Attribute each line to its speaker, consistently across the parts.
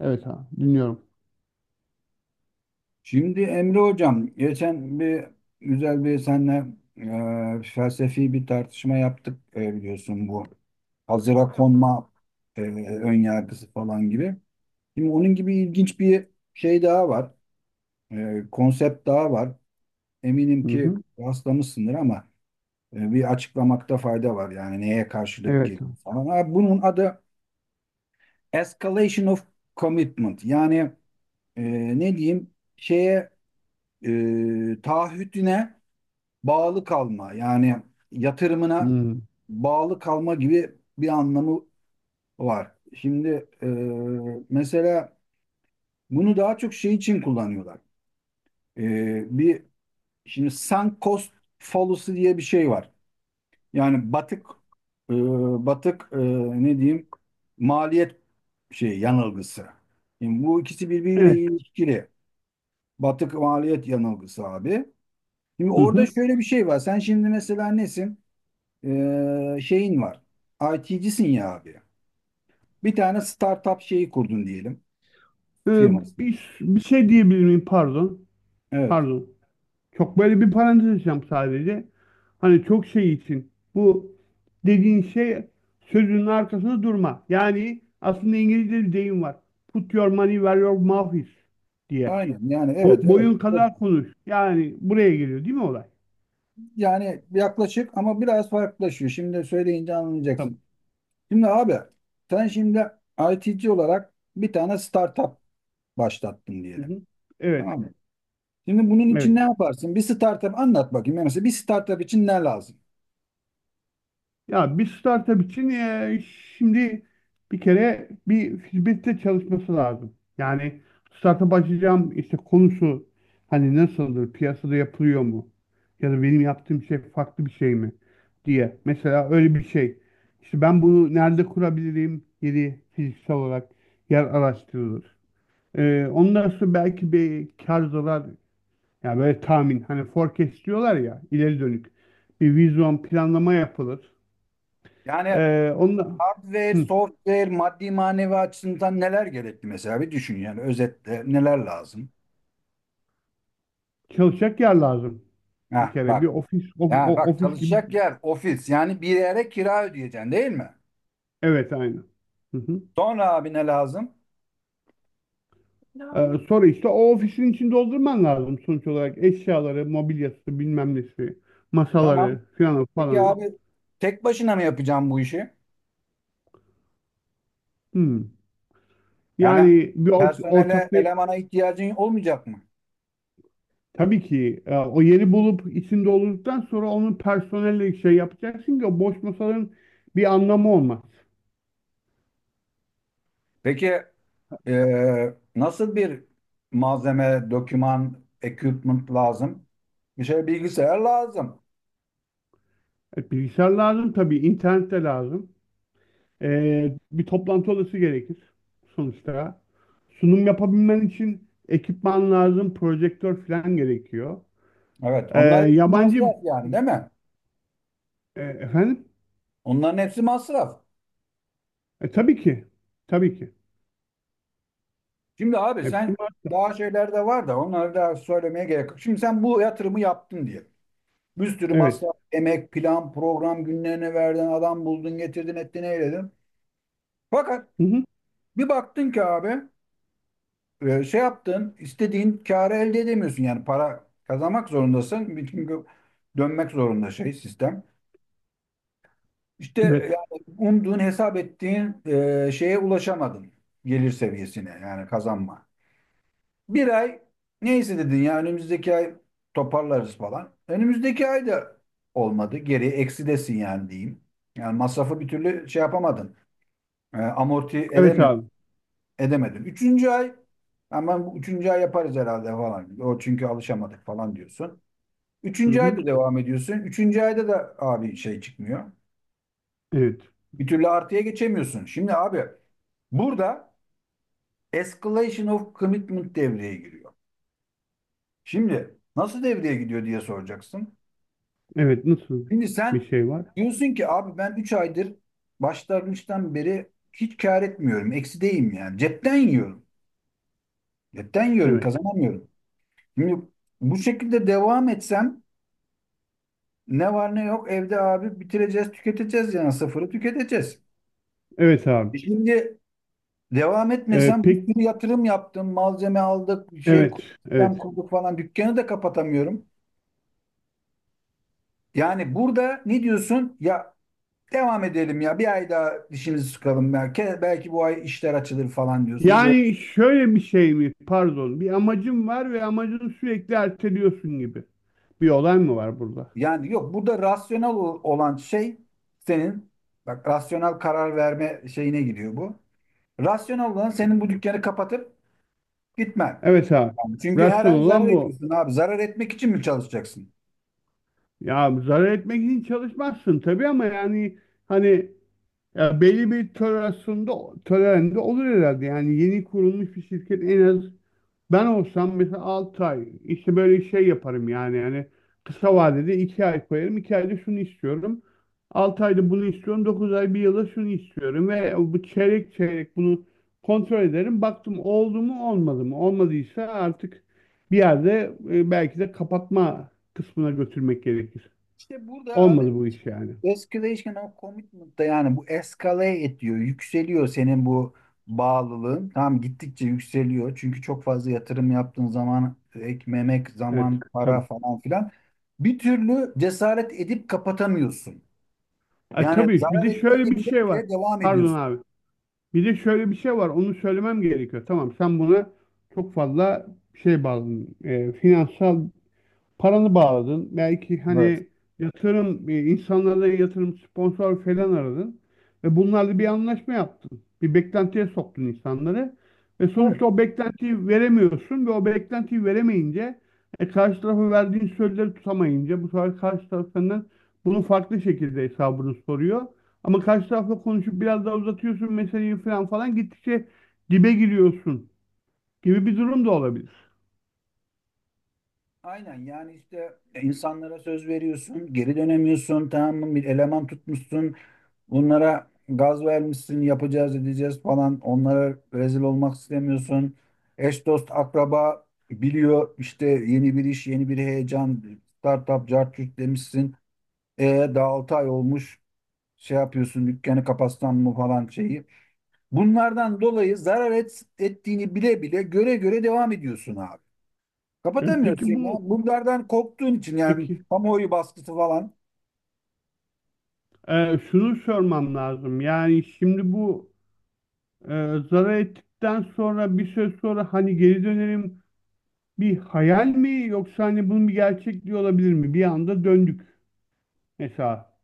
Speaker 1: Evet, ha, dinliyorum.
Speaker 2: Şimdi Emre Hocam, geçen bir güzel bir senle felsefi bir tartışma yaptık, biliyorsun bu hazıra konma e, ön yargısı falan gibi. Şimdi onun gibi ilginç bir şey daha var, konsept daha var. Eminim
Speaker 1: Hı
Speaker 2: ki
Speaker 1: hı.
Speaker 2: rastlamışsındır ama bir açıklamakta fayda var, yani neye karşılık
Speaker 1: Evet.
Speaker 2: geliyor falan. Ha, bunun adı escalation of commitment, yani e, ne diyeyim şeye, taahhüdüne bağlı kalma, yani yatırımına
Speaker 1: Hı.
Speaker 2: bağlı kalma gibi bir anlamı var. Şimdi mesela bunu daha çok şey için kullanıyorlar. Bir şimdi sunk cost fallacy diye bir şey var. Yani e, batık ne diyeyim, maliyet şey yanılgısı. Şimdi bu ikisi birbiriyle
Speaker 1: Evet.
Speaker 2: ilişkili. Batık maliyet yanılgısı abi. Şimdi
Speaker 1: Hı
Speaker 2: orada
Speaker 1: hı.
Speaker 2: şöyle bir şey var. Sen şimdi mesela nesin? Şeyin var. IT'cisin ya abi. Bir tane startup şeyi kurdun diyelim,
Speaker 1: Ee,
Speaker 2: firmasını.
Speaker 1: bir şey diyebilir miyim? Pardon.
Speaker 2: Evet.
Speaker 1: Pardon. Çok böyle bir parantez açacağım sadece. Hani çok şey için. Bu dediğin şey sözünün arkasında durma. Yani aslında İngilizce bir deyim var. "Put your money where your mouth is" diye.
Speaker 2: Aynen yani,
Speaker 1: O,
Speaker 2: evet evet.
Speaker 1: boyun kadar konuş. Yani buraya geliyor değil mi olay?
Speaker 2: Yani yaklaşık ama biraz farklılaşıyor. Şimdi söyleyince
Speaker 1: Tamam.
Speaker 2: anlayacaksın. Şimdi abi, sen şimdi IT'ci olarak bir tane startup başlattın
Speaker 1: Hı
Speaker 2: diyelim.
Speaker 1: hı. Evet.
Speaker 2: Tamam mı? Şimdi bunun için ne
Speaker 1: Evet.
Speaker 2: yaparsın? Bir startup anlat bakayım. Yani mesela bir startup için ne lazım?
Speaker 1: Ya bir startup için şimdi bir kere bir hizmette çalışması lazım. Yani startup açacağım işte, konusu hani nasıldır, piyasada yapılıyor mu? Ya da benim yaptığım şey farklı bir şey mi diye. Mesela öyle bir şey. İşte ben bunu nerede kurabilirim? Yeri fiziksel olarak yer araştırılır. Ondan sonra belki bir kar zarar, yani böyle tahmin, hani forecast diyorlar ya, ileri dönük bir vizyon planlama yapılır.
Speaker 2: Yani
Speaker 1: Ee, onunla,
Speaker 2: hardware,
Speaker 1: hı,
Speaker 2: software, maddi manevi açısından neler gerekli, mesela bir düşün, yani özetle neler lazım?
Speaker 1: çalışacak yer lazım. Bir
Speaker 2: Heh,
Speaker 1: kere bir
Speaker 2: bak,
Speaker 1: ofis,
Speaker 2: yani bak,
Speaker 1: ofis gibi.
Speaker 2: çalışacak yer, ofis, yani bir yere kira ödeyeceksin, değil mi?
Speaker 1: Evet, aynı. Hı hı.
Speaker 2: Sonra abi ne lazım?
Speaker 1: Sonra işte o ofisin içini doldurman lazım sonuç olarak. Eşyaları, mobilyası, bilmem nesi,
Speaker 2: Tamam.
Speaker 1: masaları filan
Speaker 2: Peki
Speaker 1: falanı.
Speaker 2: abi, tek başına mı yapacağım bu işi?
Speaker 1: Hı.
Speaker 2: Yani
Speaker 1: Yani bir
Speaker 2: personele,
Speaker 1: ortaklığı
Speaker 2: elemana ihtiyacın olmayacak mı?
Speaker 1: tabii ki, o yeri bulup içinde olduktan sonra onun personelle şey yapacaksın ki o boş masaların bir anlamı olmaz.
Speaker 2: Peki nasıl bir malzeme, doküman, equipment lazım? Bir şey, bilgisayar lazım.
Speaker 1: Bilgisayar lazım tabii, internet de lazım. Bir toplantı odası gerekir sonuçta. Sunum yapabilmen için ekipman lazım, projektör falan gerekiyor.
Speaker 2: Evet,
Speaker 1: Ee,
Speaker 2: onlar hepsi
Speaker 1: yabancı
Speaker 2: masraf yani, değil mi?
Speaker 1: efendim?
Speaker 2: Onların hepsi masraf.
Speaker 1: Tabii ki. Tabii ki.
Speaker 2: Şimdi abi,
Speaker 1: Hepsi
Speaker 2: sen
Speaker 1: var.
Speaker 2: daha şeyler de var da onları da söylemeye gerek yok. Şimdi sen bu yatırımı yaptın diye. Bir sürü
Speaker 1: Evet.
Speaker 2: masraf, emek, plan, program günlerine verdin, adam buldun, getirdin, ettin, eyledin. Fakat
Speaker 1: Hı hı.
Speaker 2: bir baktın ki abi, şey yaptın, istediğin karı elde edemiyorsun. Yani para kazanmak zorundasın. Çünkü dönmek zorunda şey sistem. İşte
Speaker 1: Evet.
Speaker 2: yani umduğun, hesap ettiğin şeye ulaşamadın. Gelir seviyesine, yani kazanma. Bir ay neyse dedin ya, önümüzdeki ay toparlarız falan. Önümüzdeki ay da olmadı. Geri eksidesin yani diyeyim. Yani masrafı bir türlü şey yapamadın. E, amorti
Speaker 1: Evet
Speaker 2: edeme,
Speaker 1: abi.
Speaker 2: edemedin. Üçüncü ay, hemen bu üçüncü ay yaparız herhalde falan. O çünkü alışamadık falan diyorsun.
Speaker 1: Hı
Speaker 2: Üçüncü
Speaker 1: hı.
Speaker 2: ayda devam ediyorsun. Üçüncü ayda da abi şey çıkmıyor.
Speaker 1: Evet.
Speaker 2: Bir türlü artıya geçemiyorsun. Şimdi abi, burada escalation of commitment devreye giriyor. Şimdi nasıl devreye gidiyor diye soracaksın.
Speaker 1: Evet. Nasıl
Speaker 2: Şimdi sen
Speaker 1: bir şey var?
Speaker 2: diyorsun ki, abi ben 3 aydır başlangıçtan beri hiç kar etmiyorum. Eksideyim yani. Cepten yiyorum. Cepten yiyorum.
Speaker 1: Evet.
Speaker 2: Kazanamıyorum. Şimdi bu şekilde devam etsem, ne var ne yok evde abi bitireceğiz, tüketeceğiz, yani sıfırı tüketeceğiz.
Speaker 1: Evet abi.
Speaker 2: Şimdi devam etmesem,
Speaker 1: Pek
Speaker 2: bir sürü yatırım yaptım, malzeme aldık, şey
Speaker 1: evet.
Speaker 2: sistem
Speaker 1: Evet.
Speaker 2: kurduk falan, dükkanı da kapatamıyorum. Yani burada ne diyorsun? Ya devam edelim, ya bir ay daha dişimizi sıkalım, belki belki bu ay işler açılır falan diyorsun.
Speaker 1: Yani şöyle bir şey mi? Pardon. Bir amacın var ve amacını sürekli erteliyorsun gibi. Bir olay mı var burada?
Speaker 2: Yani yok, burada olan şey senin, bak rasyonel karar verme şeyine giriyor bu. Rasyonel olan senin bu dükkanı kapatıp gitmen.
Speaker 1: Evet abi.
Speaker 2: Yani çünkü her
Speaker 1: Rasyon
Speaker 2: ay zarar
Speaker 1: olan bu.
Speaker 2: ediyorsun abi. Zarar etmek için mi çalışacaksın?
Speaker 1: Ya zarar etmek için çalışmazsın tabii, ama yani hani, ya belli bir tolerende olur herhalde. Yani yeni kurulmuş bir şirket en az... Ben olsam mesela 6 ay işte böyle şey yaparım. Yani kısa vadede 2 ay koyarım, 2 ayda şunu istiyorum, 6 ayda bunu istiyorum, 9 ay bir yılda şunu istiyorum ve bu çeyrek çeyrek bunu kontrol ederim. Baktım oldu mu olmadı mı, olmadıysa artık bir yerde belki de kapatma kısmına götürmek gerekir.
Speaker 2: İşte burada
Speaker 1: Olmadı bu iş yani.
Speaker 2: escalation of commitment da yani bu escalate ediyor. Yükseliyor senin bu bağlılığın. Tamam, gittikçe yükseliyor. Çünkü çok fazla yatırım yaptığın zaman ek memek,
Speaker 1: Evet,
Speaker 2: zaman, para
Speaker 1: tabii.
Speaker 2: falan filan. Bir türlü cesaret edip kapatamıyorsun. Yani
Speaker 1: Tabii bir
Speaker 2: zarar
Speaker 1: de şöyle
Speaker 2: ettiğini
Speaker 1: bir
Speaker 2: bile
Speaker 1: şey var.
Speaker 2: bile devam
Speaker 1: Pardon
Speaker 2: ediyorsun.
Speaker 1: abi. Bir de şöyle bir şey var, onu söylemem gerekiyor. Tamam, sen buna çok fazla şey bağladın, finansal paranı bağladın. Belki
Speaker 2: Evet.
Speaker 1: hani yatırım, insanlara yatırım, sponsor falan aradın. Ve bunlarla bir anlaşma yaptın. Bir beklentiye soktun insanları. Ve sonuçta o beklentiyi veremiyorsun ve o beklentiyi veremeyince karşı tarafa verdiğin sözleri tutamayınca, bu sefer karşı taraf senden bunun farklı şekilde hesabını soruyor. Ama karşı tarafla konuşup biraz daha uzatıyorsun meseleyi, falan falan gittikçe dibe giriyorsun gibi bir durum da olabilir.
Speaker 2: Aynen yani, işte insanlara söz veriyorsun, geri dönemiyorsun, tamam mı? Bir eleman tutmuşsun, bunlara gaz vermişsin, yapacağız edeceğiz falan. Onlara rezil olmak istemiyorsun. Eş dost akraba biliyor, işte yeni bir iş, yeni bir heyecan, startup, cart curt demişsin. E Daha 6 ay olmuş, şey yapıyorsun, dükkanı kapatsam mı falan şeyi. Bunlardan dolayı ettiğini bile bile, göre göre devam ediyorsun abi. Kapatamıyorsun
Speaker 1: Peki,
Speaker 2: ya.
Speaker 1: bu
Speaker 2: Bunlardan korktuğun için, yani
Speaker 1: peki...
Speaker 2: kamuoyu baskısı falan.
Speaker 1: Şunu sormam lazım. Yani şimdi bu zarar ettikten sonra, bir süre sonra hani geri dönerim, bir hayal mi, yoksa hani bunun bir gerçekliği olabilir mi? Bir anda döndük mesela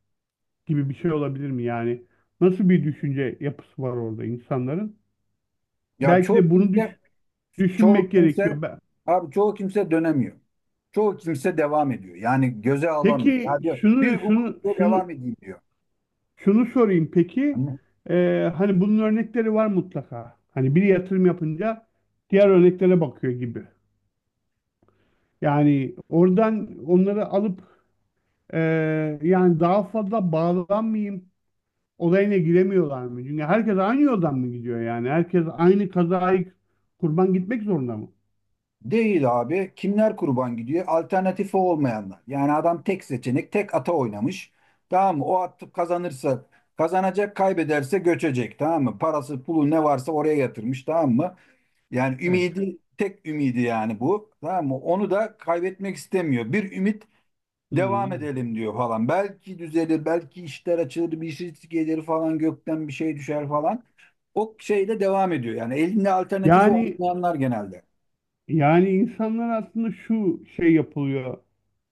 Speaker 1: gibi bir şey olabilir mi? Yani nasıl bir düşünce yapısı var orada insanların?
Speaker 2: Ya
Speaker 1: Belki
Speaker 2: çoğu
Speaker 1: de bunu
Speaker 2: kimse çoğu
Speaker 1: düşünmek
Speaker 2: kimse
Speaker 1: gerekiyor.
Speaker 2: abi çoğu kimse dönemiyor. Çoğu kimse devam ediyor. Yani göze alamıyor.
Speaker 1: Peki
Speaker 2: Ya diyor, bir umut diyor, devam edeyim diyor.
Speaker 1: şunu sorayım peki.
Speaker 2: Hani
Speaker 1: Hani bunun örnekleri var mutlaka. Hani bir yatırım yapınca diğer örneklere bakıyor gibi. Yani oradan onları alıp e, yani daha fazla bağlanmayayım olayına giremiyorlar mı? Çünkü herkes aynı yoldan mı gidiyor yani? Herkes aynı kazayı kurban gitmek zorunda mı?
Speaker 2: değil abi. Kimler kurban gidiyor? Alternatifi olmayanlar. Yani adam tek seçenek, tek ata oynamış. Tamam mı? O at kazanırsa kazanacak, kaybederse göçecek. Tamam mı? Parası, pulu ne varsa oraya yatırmış. Tamam mı? Yani
Speaker 1: Evet.
Speaker 2: ümidi, tek ümidi yani bu. Tamam mı? Onu da kaybetmek istemiyor. Bir ümit devam
Speaker 1: Hmm.
Speaker 2: edelim diyor falan. Belki düzelir, belki işler açılır, bir şey gelir falan, gökten bir şey düşer falan. O şeyle devam ediyor. Yani elinde alternatifi
Speaker 1: Yani,
Speaker 2: olmayanlar genelde.
Speaker 1: insanlar aslında şu şey yapılıyor,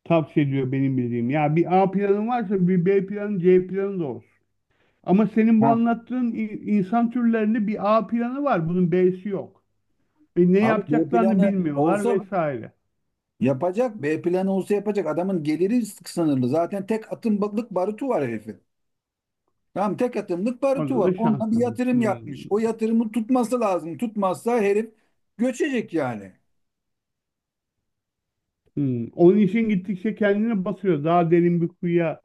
Speaker 1: tavsiye ediyor benim bildiğim. Ya bir A planın varsa, bir B planı, C planı da olsun. Ama senin bu
Speaker 2: Ha,
Speaker 1: anlattığın insan türlerinde bir A planı var, bunun B'si yok. Ve ne
Speaker 2: abi B
Speaker 1: yapacaklarını
Speaker 2: planı
Speaker 1: bilmiyorlar
Speaker 2: olsa
Speaker 1: vesaire.
Speaker 2: yapacak, B planı olsa yapacak. Adamın geliri sınırlı. Zaten tek atımlık barutu var herifin. Tamam, tek atımlık barutu
Speaker 1: Orada
Speaker 2: var.
Speaker 1: da
Speaker 2: Onunla bir
Speaker 1: şanslısın.
Speaker 2: yatırım
Speaker 1: Hmm.
Speaker 2: yapmış. O yatırımı tutması lazım. Tutmazsa herif göçecek yani.
Speaker 1: Hmm. Onun için gittikçe kendini basıyor. Daha derin bir kuyuya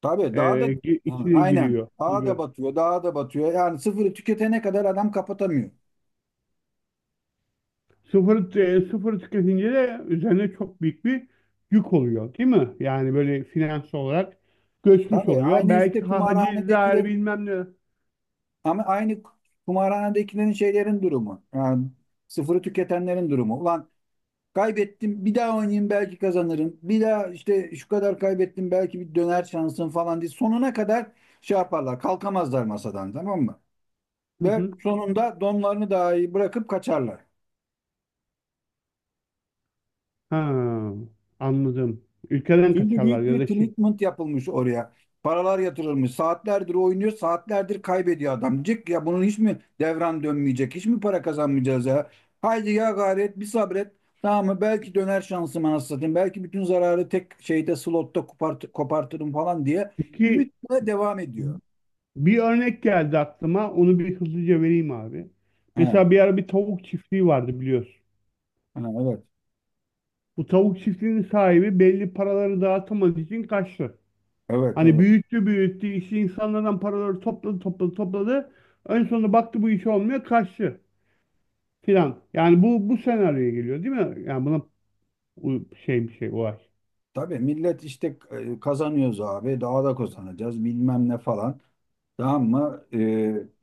Speaker 2: Tabii
Speaker 1: e,
Speaker 2: daha da, yani
Speaker 1: içine
Speaker 2: aynen.
Speaker 1: giriyor
Speaker 2: Dağa
Speaker 1: gibi.
Speaker 2: da batıyor, dağa da batıyor. Yani sıfırı tüketene kadar adam kapatamıyor.
Speaker 1: Sıfır tüketince de üzerine çok büyük bir yük oluyor, değil mi? Yani böyle finansal olarak göçmüş
Speaker 2: Tabii,
Speaker 1: oluyor.
Speaker 2: aynı
Speaker 1: Belki
Speaker 2: işte kumarhanedekiler,
Speaker 1: hacizler, bilmem ne.
Speaker 2: ama aynı kumarhanedekilerin şeylerin durumu. Yani sıfırı tüketenlerin durumu. Ulan kaybettim, bir daha oynayayım, belki kazanırım. Bir daha işte şu kadar kaybettim, belki bir döner şansım falan diye sonuna kadar şey yaparlar. Kalkamazlar masadan, tamam mı?
Speaker 1: Hı
Speaker 2: Ve
Speaker 1: hı.
Speaker 2: sonunda donlarını dahi bırakıp kaçarlar.
Speaker 1: Ha, anladım. Ülkeden
Speaker 2: Çünkü
Speaker 1: kaçarlar
Speaker 2: büyük
Speaker 1: ya
Speaker 2: bir
Speaker 1: da şey.
Speaker 2: commitment yapılmış oraya. Paralar yatırılmış. Saatlerdir oynuyor, saatlerdir kaybediyor adam. Cık ya, bunun hiç mi devran dönmeyecek, hiç mi para kazanmayacağız ya? Haydi ya gayret, bir sabret. Tamam mı? Belki döner şansım anasını satayım. Belki bütün zararı tek şeyde, slotta kopart kopartırım falan diye
Speaker 1: Peki.
Speaker 2: ümitle devam ediyor.
Speaker 1: Bir örnek geldi aklıma. Onu bir hızlıca vereyim abi.
Speaker 2: He,
Speaker 1: Mesela bir ara bir tavuk çiftliği vardı, biliyorsun.
Speaker 2: he, evet,
Speaker 1: Bu tavuk çiftliğinin sahibi belli paraları dağıtamadığı için kaçtı.
Speaker 2: evet,
Speaker 1: Hani
Speaker 2: evet.
Speaker 1: büyüttü büyüttü işi, insanlardan paraları topladı topladı topladı. En sonunda baktı bu iş olmuyor, kaçtı filan. Yani bu senaryoya geliyor değil mi? Yani buna bir şey, olay.
Speaker 2: Tabii millet işte, kazanıyoruz abi, daha da kazanacağız bilmem ne falan. Tamam mı?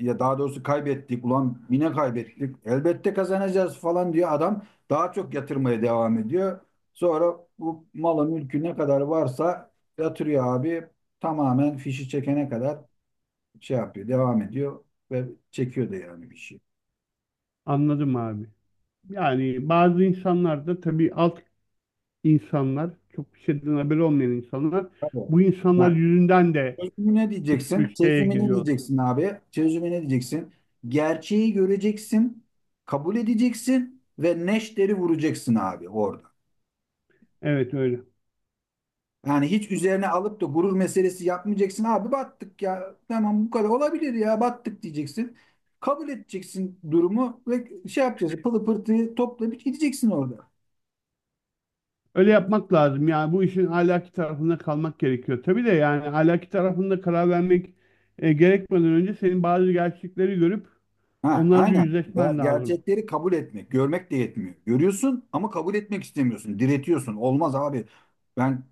Speaker 2: Ya daha doğrusu kaybettik. Ulan yine kaybettik. Elbette kazanacağız falan diyor adam. Daha çok yatırmaya devam ediyor. Sonra bu malı mülkü ne kadar varsa yatırıyor abi. Tamamen fişi çekene kadar şey yapıyor. Devam ediyor ve çekiyor da yani, bir şey.
Speaker 1: Anladım abi. Yani bazı insanlar da tabii, alt insanlar, çok bir şeyden haberi olmayan insanlar,
Speaker 2: Tabii.
Speaker 1: bu insanlar
Speaker 2: Yani
Speaker 1: yüzünden de
Speaker 2: çözümü ne diyeceksin?
Speaker 1: üçteye
Speaker 2: Çözümü ne
Speaker 1: giriyorlar.
Speaker 2: diyeceksin abi? Çözümü ne diyeceksin? Gerçeği göreceksin, kabul edeceksin ve neşteri vuracaksın abi orada.
Speaker 1: Evet, öyle.
Speaker 2: Yani hiç üzerine alıp da gurur meselesi yapmayacaksın. Abi battık ya. Tamam, bu kadar olabilir ya, battık diyeceksin. Kabul edeceksin durumu ve şey yapacaksın. Pılı pırtıyı toplayıp gideceksin orada.
Speaker 1: Öyle yapmak lazım. Yani bu işin ahlaki tarafında kalmak gerekiyor. Tabii de, yani ahlaki tarafında karar vermek gerekmeden önce senin bazı gerçekleri görüp
Speaker 2: Ha,
Speaker 1: onlarla
Speaker 2: aynen. Ya,
Speaker 1: yüzleşmen lazım.
Speaker 2: gerçekleri kabul etmek. Görmek de yetmiyor. Görüyorsun ama kabul etmek istemiyorsun. Diretiyorsun. Olmaz abi. Ben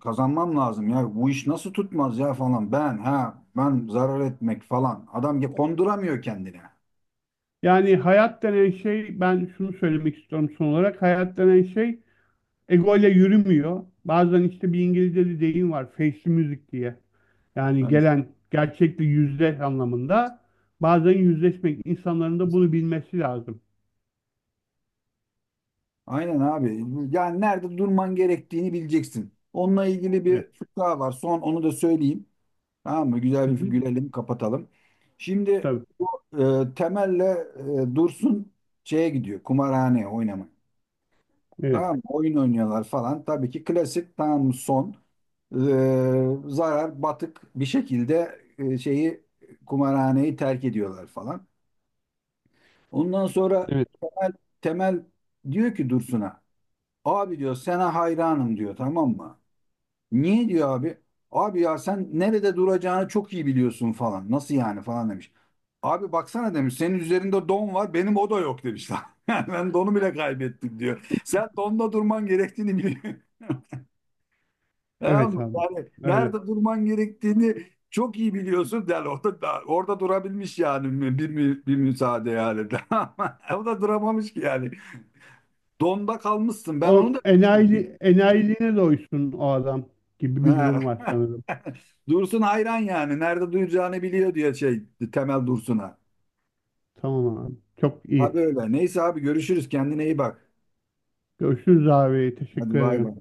Speaker 2: kazanmam lazım ya. Bu iş nasıl tutmaz ya falan. Ben ha ben zarar etmek falan. Adam ya konduramıyor kendine.
Speaker 1: Yani hayat denen şey, ben şunu söylemek istiyorum son olarak, hayat denen şey ego ile yürümüyor. Bazen işte, bir İngilizce bir deyim var, "face music" diye. Yani
Speaker 2: Evet.
Speaker 1: gelen gerçekle yüzleş anlamında. Bazen yüzleşmek, insanların da bunu bilmesi lazım.
Speaker 2: Aynen abi. Yani nerede durman gerektiğini bileceksin. Onunla ilgili
Speaker 1: Evet.
Speaker 2: bir fıkra var. Son onu da söyleyeyim. Tamam mı?
Speaker 1: Hı
Speaker 2: Güzel bir
Speaker 1: hı.
Speaker 2: gülelim, kapatalım. Şimdi
Speaker 1: Tabii.
Speaker 2: bu Temel'le Dursun şeye gidiyor. Kumarhaneye oynamaya.
Speaker 1: Evet.
Speaker 2: Tamam mı? Oyun oynuyorlar falan. Tabii ki klasik, tamam mı? Son zarar, batık bir şekilde şeyi, kumarhaneyi terk ediyorlar falan. Ondan sonra
Speaker 1: Evet.
Speaker 2: Temel, Temel diyor ki Dursun'a, abi diyor, sana hayranım diyor, tamam mı? Niye diyor abi? Abi ya, sen nerede duracağını çok iyi biliyorsun falan. Nasıl yani falan demiş. Abi baksana demiş, senin üzerinde don var, benim o da yok demiş lan. Yani ben donu bile kaybettim diyor. Sen donda durman gerektiğini biliyorsun. Tamam
Speaker 1: Evet
Speaker 2: mı?
Speaker 1: abi.
Speaker 2: Yani
Speaker 1: Öyle.
Speaker 2: nerede durman gerektiğini çok iyi biliyorsun. Yani orada, orada durabilmiş yani, bir müsaade yani. O da duramamış ki yani. Donda kalmışsın, ben onu da.
Speaker 1: O enayiliğine doysun o adam gibi bir
Speaker 2: Ha.
Speaker 1: durum var sanırım.
Speaker 2: Dursun hayran yani. Nerede duyacağını biliyor diyor şey, Temel Dursun'a.
Speaker 1: Tamam abi. Çok iyi.
Speaker 2: Abi öyle. Neyse abi, görüşürüz. Kendine iyi bak.
Speaker 1: Görüşürüz abi.
Speaker 2: Hadi
Speaker 1: Teşekkür
Speaker 2: bay bay.
Speaker 1: ederim.